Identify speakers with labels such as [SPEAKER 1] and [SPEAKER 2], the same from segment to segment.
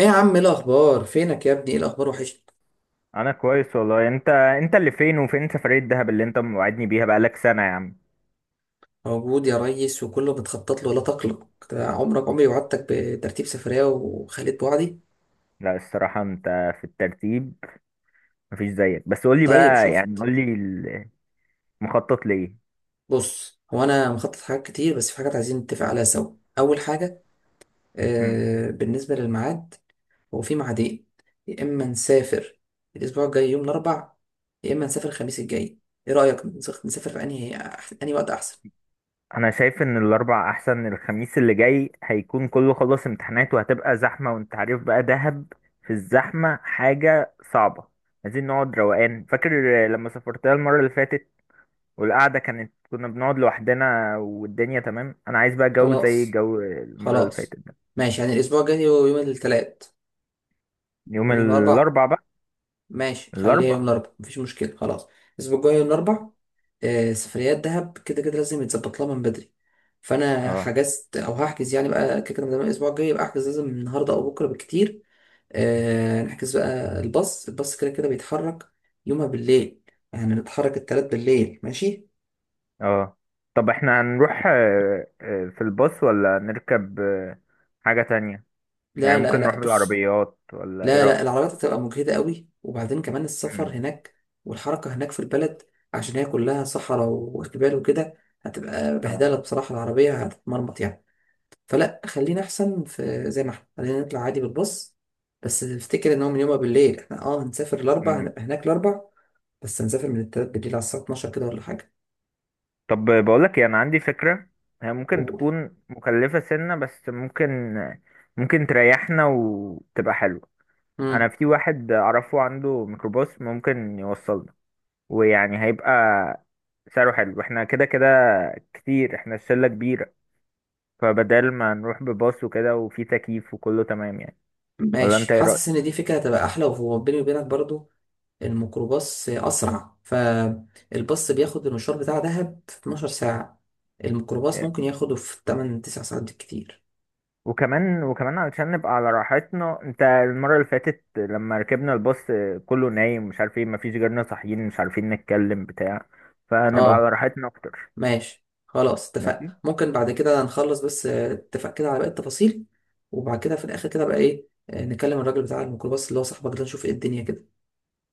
[SPEAKER 1] ايه يا عم، ايه الاخبار؟ فينك يا ابني؟ ايه الاخبار؟ وحشني.
[SPEAKER 2] انا كويس والله. انت اللي فين وفين؟ سفرية دهب اللي انت موعدني بيها بقالك سنة يا عم.
[SPEAKER 1] موجود يا ريس وكله متخطط له ولا تقلق، ده عمرك عمري، وعدتك بترتيب سفرية وخليت وعدي.
[SPEAKER 2] لا الصراحة انت في الترتيب مفيش زيك، بس قولي
[SPEAKER 1] طيب
[SPEAKER 2] بقى، يعني
[SPEAKER 1] شفت.
[SPEAKER 2] قولي المخطط ليه.
[SPEAKER 1] بص، هو انا مخطط حاجات كتير بس في حاجات عايزين نتفق عليها سوا. اول حاجة
[SPEAKER 2] مم.
[SPEAKER 1] آه بالنسبة للميعاد، هو في ميعادين، يا اما نسافر الاسبوع الجاي يوم الاربع، يا اما نسافر الخميس الجاي. ايه رأيك نسافر في انهي وقت احسن؟
[SPEAKER 2] انا شايف ان الاربع احسن، الخميس اللي جاي هيكون كله خلص امتحانات وهتبقى زحمة، وانت عارف بقى دهب في الزحمة حاجة صعبة. عايزين نقعد روقان، فاكر لما سافرتها المرة اللي فاتت والقعدة كانت، كنا بنقعد لوحدنا والدنيا تمام. انا عايز بقى جو زي
[SPEAKER 1] خلاص،
[SPEAKER 2] الجو المرة اللي
[SPEAKER 1] خلاص،
[SPEAKER 2] فاتت.
[SPEAKER 1] ماشي، يعني الاسبوع الجاي هو يوم الثلاث
[SPEAKER 2] يوم
[SPEAKER 1] ولا يوم الاربع؟
[SPEAKER 2] الاربع بقى.
[SPEAKER 1] ماشي، خليها يوم
[SPEAKER 2] الاربع.
[SPEAKER 1] الاربعاء، مفيش مشكله، خلاص. الاسبوع الجاي يوم الاربعاء. آه، سفريات دهب كده كده لازم يتظبط لها من بدري، فانا
[SPEAKER 2] اه،
[SPEAKER 1] حجزت او هحجز يعني بقى، كده كده من الاسبوع الجاي يبقى احجز، لازم من النهارده او بكره بالكتير. آه، نحجز بقى الباص كده كده بيتحرك يومها بالليل، يعني نتحرك التلات بالليل ماشي.
[SPEAKER 2] اه، طب احنا هنروح في الباص ولا نركب حاجة تانية؟ يعني
[SPEAKER 1] لا لا
[SPEAKER 2] ممكن
[SPEAKER 1] لا،
[SPEAKER 2] نروح
[SPEAKER 1] بص،
[SPEAKER 2] بالعربيات ولا ايه
[SPEAKER 1] لا لا،
[SPEAKER 2] رأيك؟
[SPEAKER 1] العربيات هتبقى مجهدة قوي، وبعدين كمان السفر
[SPEAKER 2] مم.
[SPEAKER 1] هناك والحركة هناك في البلد، عشان هي كلها صحراء وجبال وكده، هتبقى
[SPEAKER 2] اه.
[SPEAKER 1] بهدلة بصراحة، العربية هتتمرمط يعني. فلا، خلينا أحسن، في زي ما احنا، خلينا نطلع عادي بالباص. بس افتكر إن هو من يومها بالليل احنا، هنسافر الأربع،
[SPEAKER 2] مم.
[SPEAKER 1] هنبقى هناك الأربع، بس هنسافر من التلات بالليل على الساعة 12 كده ولا حاجة.
[SPEAKER 2] طب بقولك ايه، انا عندي فكرة. هي ممكن
[SPEAKER 1] قول.
[SPEAKER 2] تكون مكلفة سنة بس ممكن، ممكن تريحنا وتبقى حلوة. انا
[SPEAKER 1] مم.
[SPEAKER 2] في واحد اعرفه عنده ميكروباص ممكن يوصلنا، ويعني هيبقى سعره حلو. احنا كده كده كتير، احنا شلة كبيرة. فبدل ما نروح بباص وكده، وفي تكييف وكله تمام يعني. ولا انت
[SPEAKER 1] ماشي.
[SPEAKER 2] ايه
[SPEAKER 1] حاسس
[SPEAKER 2] رأيك؟
[SPEAKER 1] إن دي فكرة هتبقى أحلى، وهو بيني وبينك برضو الميكروباص أسرع، فالباص بياخد المشوار بتاع دهب في 12 ساعة، الميكروباص
[SPEAKER 2] يعني.
[SPEAKER 1] ممكن ياخده في 8 9 ساعات بالكتير.
[SPEAKER 2] وكمان وكمان علشان نبقى على راحتنا، انت المرة اللي فاتت لما ركبنا الباص كله نايم مش عارف ايه، مفيش غيرنا صاحيين مش عارفين نتكلم بتاع. فنبقى على
[SPEAKER 1] اه،
[SPEAKER 2] راحتنا اكتر.
[SPEAKER 1] ماشي خلاص، اتفقنا.
[SPEAKER 2] ماشي،
[SPEAKER 1] ممكن بعد كده نخلص بس اتفق كده على باقي التفاصيل، وبعد كده في الآخر كده بقى إيه، نكلم الراجل بتاع الميكروباص اللي هو صاحبك ده، نشوف إيه الدنيا كده.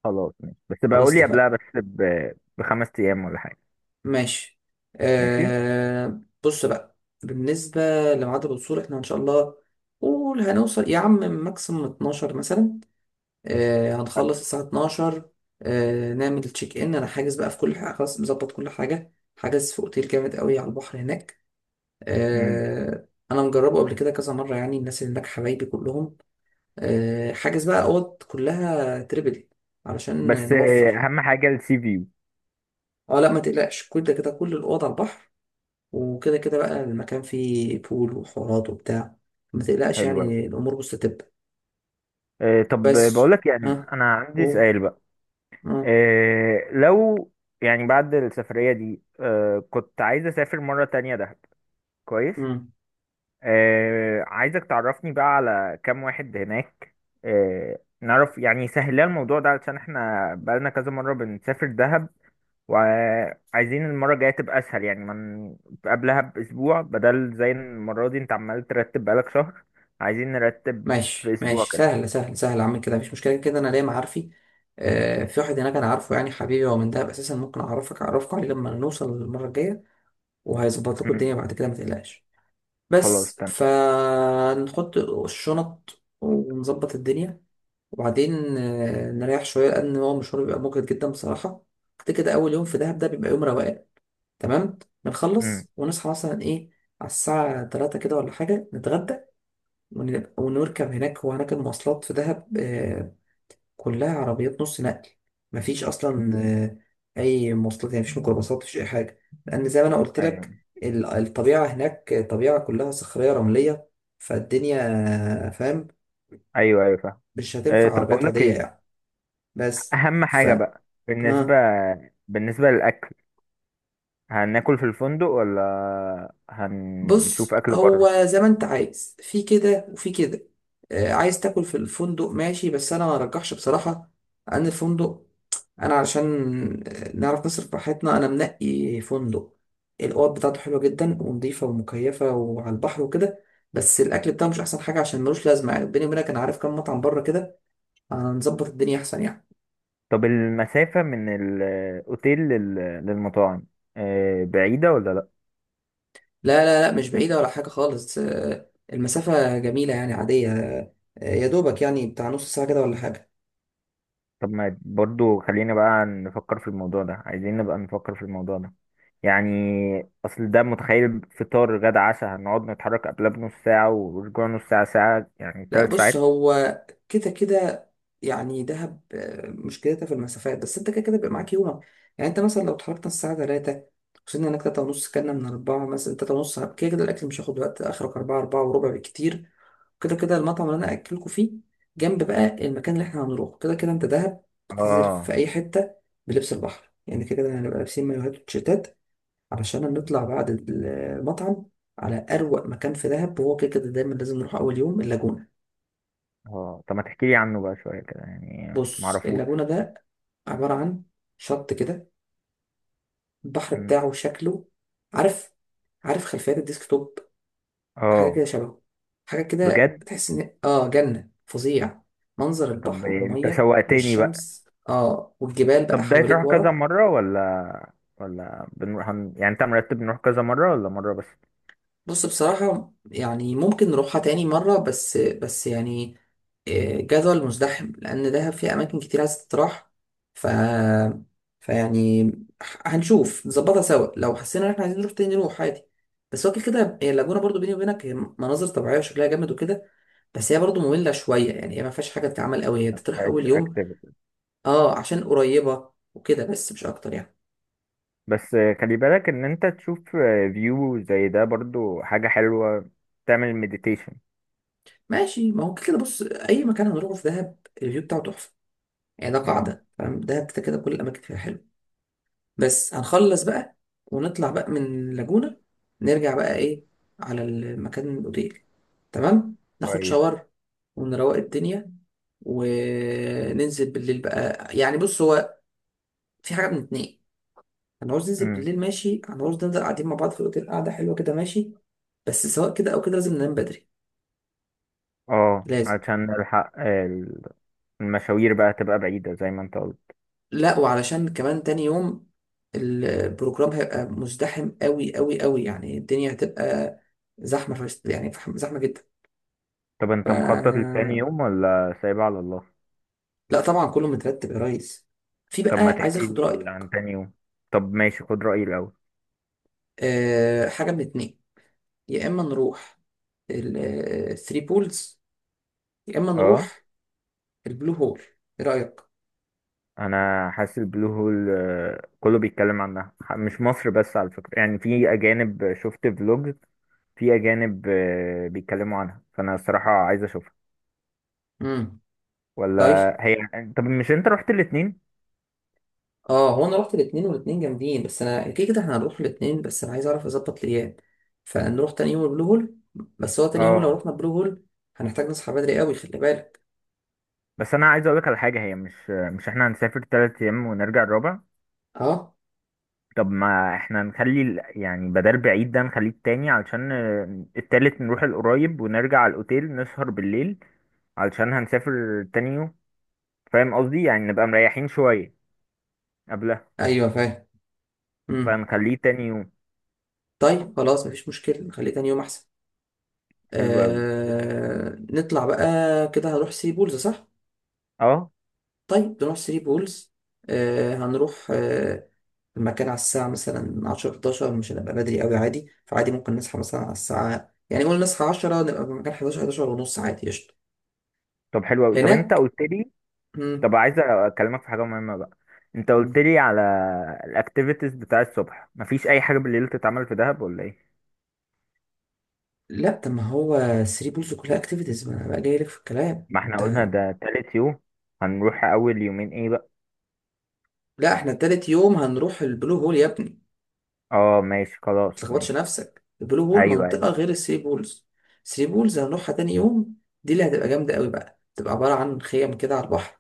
[SPEAKER 2] خلاص ماشي. بس بقى
[SPEAKER 1] خلاص
[SPEAKER 2] قولي قبلها
[SPEAKER 1] اتفقنا.
[SPEAKER 2] بس بخمس ايام ولا حاجة.
[SPEAKER 1] ماشي.
[SPEAKER 2] ماشي.
[SPEAKER 1] آه، بص بقى، بالنسبة لميعاد الوصول، احنا إن شاء الله قول هنوصل يا عم ماكسيموم 12 مثلا، هنخلص
[SPEAKER 2] مثلا.
[SPEAKER 1] الساعة 12. نعمل تشيك ان انا حاجز بقى في كل حاجة، خلاص مظبط كل حاجة، حاجز في اوتيل جامد قوي على البحر هناك،
[SPEAKER 2] امم
[SPEAKER 1] انا مجربه قبل كده كذا مرة، يعني الناس اللي هناك حبايبي كلهم. حاجز بقى اوض كلها تريبل علشان
[SPEAKER 2] بس
[SPEAKER 1] نوفر.
[SPEAKER 2] اهم حاجة السي في.
[SPEAKER 1] اه لا، ما تقلقش، كل ده كده، كل الاوض على البحر، وكده كده بقى المكان فيه بول وحورات وبتاع، ما تقلقش
[SPEAKER 2] حلو اوي.
[SPEAKER 1] يعني، الامور مستتبة.
[SPEAKER 2] اه، طب
[SPEAKER 1] بس.
[SPEAKER 2] بقولك يعني
[SPEAKER 1] ها،
[SPEAKER 2] انا عندي
[SPEAKER 1] قول.
[SPEAKER 2] سؤال بقى.
[SPEAKER 1] اه.
[SPEAKER 2] لو يعني بعد السفرية دي كنت عايز أسافر مرة تانية دهب. كويس.
[SPEAKER 1] مم.
[SPEAKER 2] عايزك تعرفني بقى على كام واحد هناك، نعرف يعني سهلها الموضوع ده، علشان احنا بقالنا كذا مرة بنسافر دهب. وعايزين المرة الجاية تبقى أسهل، يعني من قبلها بأسبوع، بدل زي المرة دي أنت عمال ترتب بقالك شهر. عايزين نرتب في
[SPEAKER 1] ماشي
[SPEAKER 2] أسبوع
[SPEAKER 1] ماشي،
[SPEAKER 2] كده.
[SPEAKER 1] سهل سهل سهل، اعمل كده، مفيش مشكله كده، انا ليا معارفي. آه، في واحد هناك انا عارفه، يعني حبيبي هو من دهب اساسا، ممكن اعرفك عليه لما نوصل المره الجايه، وهيظبط لكم
[SPEAKER 2] مم.
[SPEAKER 1] الدنيا بعد كده، ما تقلقش.
[SPEAKER 2] خلاص
[SPEAKER 1] بس
[SPEAKER 2] تمام.
[SPEAKER 1] فنحط الشنط ونظبط الدنيا، وبعدين آه نريح شويه، لان هو مشوار بيبقى مجهد جدا بصراحه، كده كده اول يوم في دهب ده بيبقى يوم روقان، تمام.
[SPEAKER 2] مم.
[SPEAKER 1] بنخلص ونصحى مثلا ايه على الساعه 3 كده ولا حاجه، نتغدى ونركب هناك. هو هناك المواصلات في دهب كلها عربيات نص نقل، مفيش أصلا أي مواصلات، يعني مفيش ميكروباصات، مفيش أي حاجة، لأن زي ما أنا قلت لك
[SPEAKER 2] ايوه.
[SPEAKER 1] الطبيعة هناك طبيعة كلها صخرية رملية، فالدنيا فاهم،
[SPEAKER 2] ايوه ايوه فاهم.
[SPEAKER 1] مش هتنفع
[SPEAKER 2] طب بقول
[SPEAKER 1] عربيات
[SPEAKER 2] لك
[SPEAKER 1] عادية
[SPEAKER 2] ايه
[SPEAKER 1] يعني. بس.
[SPEAKER 2] اهم
[SPEAKER 1] ف.
[SPEAKER 2] حاجة بقى بالنسبة
[SPEAKER 1] ها.
[SPEAKER 2] بالنسبة للاكل. هناكل في الفندق ولا هنشوف
[SPEAKER 1] بص،
[SPEAKER 2] اكل بره؟
[SPEAKER 1] هو زي ما انت عايز، في كده وفي كده، عايز تاكل في الفندق ماشي، بس انا ما ارجحش بصراحة ان الفندق، انا علشان نعرف نصرف براحتنا، انا منقي فندق الاوض بتاعته حلوة جدا ونضيفة ومكيفة وعلى البحر وكده، بس الاكل بتاعه مش احسن حاجة، عشان ملوش لازمة، يعني بيني وبينك انا عارف كام مطعم بره كده، هنظبط الدنيا احسن يعني.
[SPEAKER 2] طب المسافة من الاوتيل للمطاعم بعيدة ولا لا؟
[SPEAKER 1] لا لا لا، مش بعيدة ولا حاجة خالص، المسافة جميلة يعني، عادية، يا دوبك يعني بتاع نص ساعة كده ولا حاجة.
[SPEAKER 2] طب ما برضو خلينا بقى نفكر في الموضوع ده، عايزين نبقى نفكر في الموضوع ده يعني. اصل ده متخيل، فطار غدا عشاء، هنقعد نتحرك قبلها بنص ساعة ورجوع نص ساعة ساعة، يعني
[SPEAKER 1] لا
[SPEAKER 2] ثلاث
[SPEAKER 1] بص،
[SPEAKER 2] ساعات
[SPEAKER 1] هو كده كده، يعني دهب مشكلتها في المسافات، بس انت كده كده بيبقى معاك يومك. يعني انت مثلا لو اتحركنا الساعة 3، وصلنا هناك 3 ونص، كنا من 4 مثلا، 3 ونص، كده كده الأكل مش هياخد وقت، آخرك 4 وربع بالكتير، كده كده المطعم اللي أنا أكلكوا فيه جنب بقى المكان اللي احنا هنروحه، كده كده انت دهب بتنزل
[SPEAKER 2] اه،
[SPEAKER 1] في أي حتة بلبس البحر، يعني كده كده هنبقى لابسين مايوهات وتيشيرتات، علشان نطلع بعد المطعم على أروق مكان في دهب، وهو كده كده دايما لازم نروح أول يوم اللاجونة.
[SPEAKER 2] اه، طب ما تحكي لي عنه بقى شوية كده، يعني
[SPEAKER 1] بص،
[SPEAKER 2] معرفوش.
[SPEAKER 1] اللاجونة ده عبارة عن شط كده، البحر بتاعه شكله، عارف، عارف خلفيات الديسكتوب؟ حاجة
[SPEAKER 2] اه.
[SPEAKER 1] كده شبهه، حاجة كده
[SPEAKER 2] بجد.
[SPEAKER 1] تحس إن آه، جنة فظيع، منظر
[SPEAKER 2] طب
[SPEAKER 1] البحر
[SPEAKER 2] انت
[SPEAKER 1] والمية
[SPEAKER 2] شوقتني بقى.
[SPEAKER 1] والشمس، آه، والجبال بقى
[SPEAKER 2] طب ده هتروح
[SPEAKER 1] حواليك
[SPEAKER 2] كذا
[SPEAKER 1] ورا.
[SPEAKER 2] مرة ولا يعني انت مرتب نروح كذا مرة ولا مرة بس؟
[SPEAKER 1] بص، بصراحة يعني ممكن نروحها تاني مرة، بس بس يعني جدول مزدحم، لأن دهب فيه أماكن كتير عايز تتراح. ف. فيعني هنشوف نظبطها سوا، لو حسينا إن إحنا عايزين نروح تاني نروح عادي. بس هو كده كده هي اللاجونة، برضو بيني وبينك هي مناظر طبيعية وشكلها جامد وكده، بس هي برضو مملة شوية، يعني هي ما فيهاش حاجة تتعمل قوي، هي تتراح أول يوم.
[SPEAKER 2] اكتيفيتي.
[SPEAKER 1] أه عشان قريبة وكده، بس مش أكتر يعني.
[SPEAKER 2] بس خلي بالك ان انت تشوف فيو زي ده برضو حاجة حلوة، تعمل مديتيشن.
[SPEAKER 1] ماشي، ما هو كده كده. بص، أي مكان هنروحه في دهب الفيو بتاعه تحفة، يعني ده
[SPEAKER 2] امم.
[SPEAKER 1] قاعدة، فاهم، دهب كده كده كل الأماكن فيها حلوة. بس هنخلص بقى، ونطلع بقى من لاجونا، نرجع بقى ايه على المكان الاوتيل، تمام، ناخد
[SPEAKER 2] كويس.
[SPEAKER 1] شاور ونروق الدنيا، وننزل بالليل بقى. يعني بص، هو في حاجة من اتنين، هنعوز ننزل
[SPEAKER 2] امم.
[SPEAKER 1] بالليل ماشي، هنعوز ننزل قاعدين مع بعض في الأوتيل قعدة حلوة كده ماشي، بس سواء كده أو كده، لازم ننام بدري.
[SPEAKER 2] اه
[SPEAKER 1] لازم.
[SPEAKER 2] عشان نلحق المشاوير بقى تبقى بعيدة زي ما انت قلت.
[SPEAKER 1] لا، وعلشان كمان تاني يوم البروجرام هيبقى مزدحم قوي قوي قوي، يعني الدنيا هتبقى زحمة فشت، يعني زحمة جدا.
[SPEAKER 2] طب
[SPEAKER 1] ف...
[SPEAKER 2] انت مخطط لتاني يوم ولا سايبها على الله؟
[SPEAKER 1] لا طبعا، كله مترتب يا ريس. في
[SPEAKER 2] طب
[SPEAKER 1] بقى
[SPEAKER 2] ما
[SPEAKER 1] عايز
[SPEAKER 2] تحكي
[SPEAKER 1] اخد
[SPEAKER 2] لي
[SPEAKER 1] رايك،
[SPEAKER 2] عن تاني يوم. طب ماشي، خد رأيي الأول.
[SPEAKER 1] أه، حاجه من اتنين، يا اما نروح الثري بولز، يا اما
[SPEAKER 2] اه،
[SPEAKER 1] نروح البلو هول، ايه رايك؟
[SPEAKER 2] انا حاسس البلو هول كله بيتكلم عنها، مش مصر بس على فكرة، يعني في اجانب شفت فلوج، في اجانب بيتكلموا عنها، فانا الصراحة عايز اشوفها.
[SPEAKER 1] امم، طيب.
[SPEAKER 2] ولا هي. طب مش انت رحت الاتنين؟
[SPEAKER 1] اه، هو انا رحت الاتنين، والاتنين جامدين، بس انا كده كده احنا هنروح الاتنين، بس انا عايز اعرف اظبط الايام، فنروح تاني يوم البلو هول، بس هو تاني يوم لو
[SPEAKER 2] اه.
[SPEAKER 1] رحنا البلو هول هنحتاج نصحى بدري قوي، خلي بالك.
[SPEAKER 2] بس انا عايز اقولك على حاجة، هي مش احنا هنسافر 3 ايام ونرجع الرابع؟
[SPEAKER 1] اه.
[SPEAKER 2] طب ما احنا نخلي يعني بدل بعيد ده نخليه التاني، علشان التالت نروح القريب ونرجع على الاوتيل نسهر بالليل، علشان هنسافر تاني يوم. فاهم قصدي، يعني نبقى مريحين شوية قبل.
[SPEAKER 1] ايوه فاهم. امم،
[SPEAKER 2] فنخليه تاني يوم.
[SPEAKER 1] طيب خلاص مفيش مشكله، نخليه تاني يوم احسن.
[SPEAKER 2] حلو قوي.
[SPEAKER 1] آه نطلع بقى، كده هنروح ثري بولز صح؟
[SPEAKER 2] اه.
[SPEAKER 1] طيب نروح ثري بولز. آه، هنروح آه، المكان على الساعة مثلا عشرة حداشر، مش هنبقى بدري أوي عادي، فعادي ممكن نصحى مثلا على الساعة، يعني قول نصحى عشرة، نبقى في مكان حداشر، حداشر ونص عادي قشطة.
[SPEAKER 2] طب حلو قوي. طب انت
[SPEAKER 1] هناك.
[SPEAKER 2] قلت لي.
[SPEAKER 1] مم.
[SPEAKER 2] طب عايز اكلمك في حاجه مهمه بقى. انت قلت
[SPEAKER 1] مم.
[SPEAKER 2] لي على الاكتيفيتيز بتاع الصبح، مفيش اي حاجه بالليل تتعمل في دهب ولا ايه؟
[SPEAKER 1] لا طب، ما هو ثري بولز كلها اكتيفيتيز، ما انا بقى جاي لك في الكلام
[SPEAKER 2] ما
[SPEAKER 1] انت.
[SPEAKER 2] احنا قلنا ده تالت يوم، هنروح اول يومين ايه بقى؟
[SPEAKER 1] لا، احنا تالت يوم هنروح البلو هول يا ابني،
[SPEAKER 2] اه ماشي
[SPEAKER 1] ما
[SPEAKER 2] خلاص
[SPEAKER 1] تلخبطش
[SPEAKER 2] ماشي.
[SPEAKER 1] نفسك، البلو هول
[SPEAKER 2] ايوه ايوه.
[SPEAKER 1] منطقة غير الثري بولز، الثري بولز هنروحها تاني يوم، دي اللي هتبقى جامدة قوي بقى، تبقى عبارة عن خيم كده على البحر،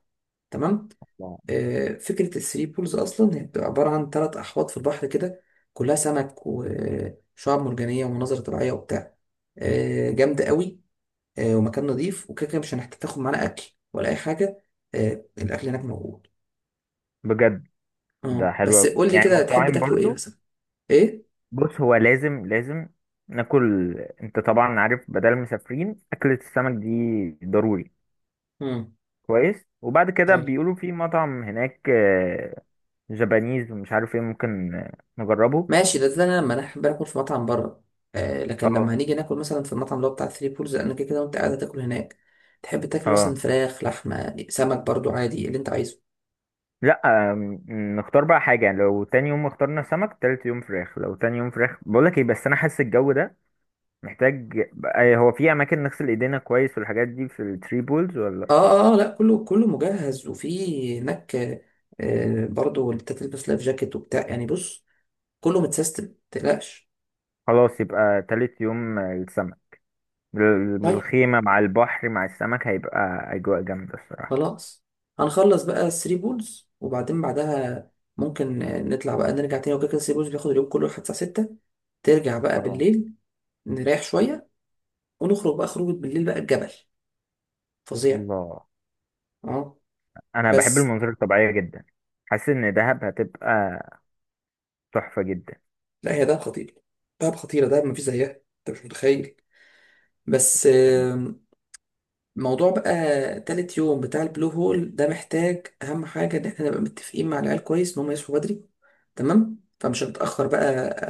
[SPEAKER 1] تمام.
[SPEAKER 2] لا.
[SPEAKER 1] آه، فكرة الثري بولز أصلا هي بتبقى عبارة عن تلات أحواض في البحر كده، كلها سمك وشعاب مرجانية ومناظر طبيعية وبتاع، آه جامدة قوي. آه، ومكان نظيف، وكده كده مش هنحتاج تاخد معانا أكل ولا أي حاجة، آه الأكل هناك موجود.
[SPEAKER 2] بجد. ده
[SPEAKER 1] اه
[SPEAKER 2] حلو
[SPEAKER 1] بس
[SPEAKER 2] قوي
[SPEAKER 1] قول لي
[SPEAKER 2] يعني،
[SPEAKER 1] كده تحب
[SPEAKER 2] مطاعم
[SPEAKER 1] تاكله إيه
[SPEAKER 2] برضو.
[SPEAKER 1] مثلا؟ إيه؟
[SPEAKER 2] بص هو لازم لازم ناكل، انت طبعا عارف بدل المسافرين اكلة السمك دي ضروري.
[SPEAKER 1] مم.
[SPEAKER 2] كويس. وبعد كده
[SPEAKER 1] طيب،
[SPEAKER 2] بيقولوا في مطعم هناك جابانيز ومش عارف ايه، ممكن نجربه.
[SPEAKER 1] ماشي. ده لما انا احب ناكل في مطعم بره، آه، لكن لما
[SPEAKER 2] اه.
[SPEAKER 1] هنيجي ناكل مثلا في المطعم اللي هو بتاع ثري بولز، لان كده كده وانت قاعد تاكل هناك، تحب تاكل مثلا
[SPEAKER 2] اه.
[SPEAKER 1] فراخ لحمه سمك، برضو عادي اللي انت عايزه.
[SPEAKER 2] لا، نختار بقى حاجة يعني، لو تاني يوم اخترنا سمك تالت يوم فراخ، لو تاني يوم فراخ بقولك ايه، بس انا حاسس الجو ده محتاج. هو في اماكن نغسل ايدينا كويس والحاجات دي في التري بولز ولا؟
[SPEAKER 1] اه اه لا، كله مجهز، وفي هناك آه، برضو انت تلبس لايف جاكيت وبتاع، يعني بص كله متسيستم، متقلقش.
[SPEAKER 2] خلاص يبقى تالت يوم السمك.
[SPEAKER 1] طيب
[SPEAKER 2] الخيمة مع البحر مع السمك هيبقى اجواء جامدة الصراحة.
[SPEAKER 1] خلاص، هنخلص بقى الثري بولز وبعدين بعدها ممكن نطلع بقى نرجع تاني، وكده كده الثري بولز بياخد اليوم كله لحد الساعه 6، ترجع بقى
[SPEAKER 2] اه.
[SPEAKER 1] بالليل، نريح شويه، ونخرج بقى خروجة بالليل بقى، الجبل فظيع.
[SPEAKER 2] الله.
[SPEAKER 1] اه
[SPEAKER 2] انا بحب
[SPEAKER 1] بس.
[SPEAKER 2] المناظر الطبيعيه جدا. حاسس ان دهب هتبقى تحفه جدا.
[SPEAKER 1] لا، هي دهب خطير، دهب خطيرة، دهب مفيش زيها، انت مش متخيل. بس موضوع بقى تالت يوم بتاع البلو هول ده، محتاج أهم حاجة إن احنا نبقى متفقين مع العيال كويس إن هم يصحوا بدري، تمام، فمش هنتأخر بقى،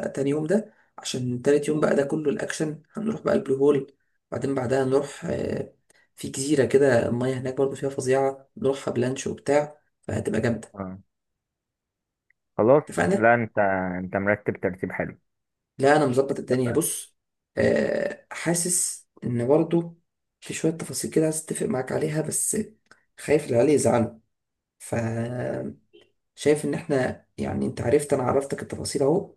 [SPEAKER 1] تاني يوم ده عشان تالت يوم بقى ده كله الأكشن، هنروح بقى البلو هول، بعدين بعدها نروح في جزيرة كده المية هناك برضه فيها فظيعة، نروحها بلانش وبتاع، فهتبقى جامدة.
[SPEAKER 2] اه. خلاص.
[SPEAKER 1] اتفقنا؟
[SPEAKER 2] لا انت مرتب ترتيب حلو.
[SPEAKER 1] لا انا مظبط الدنيا
[SPEAKER 2] اتفقنا.
[SPEAKER 1] بص. آه، حاسس ان برضو في شويه تفاصيل كده عايز اتفق معاك عليها، بس خايف العيال يزعلوا، فشايف ان احنا يعني، انت عرفت، انا عرفتك التفاصيل اهو،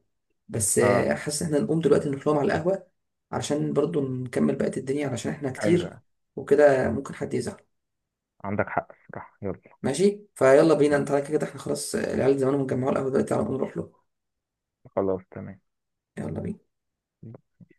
[SPEAKER 1] بس
[SPEAKER 2] اه.
[SPEAKER 1] حاسس ان احنا نقوم دلوقتي نروح لهم على القهوه، علشان برضو نكمل بقيه الدنيا، علشان احنا كتير
[SPEAKER 2] ايوه
[SPEAKER 1] وكده ممكن حد يزعل.
[SPEAKER 2] عندك حق الصراحه. يلا.
[SPEAKER 1] ماشي، فيلا بينا،
[SPEAKER 2] أيوه.
[SPEAKER 1] انت على كده احنا خلاص، العيال زمانهم جمعوا القهوه دلوقتي، على طول نروح له.
[SPEAKER 2] خلاص تمام.
[SPEAKER 1] يلا بينا.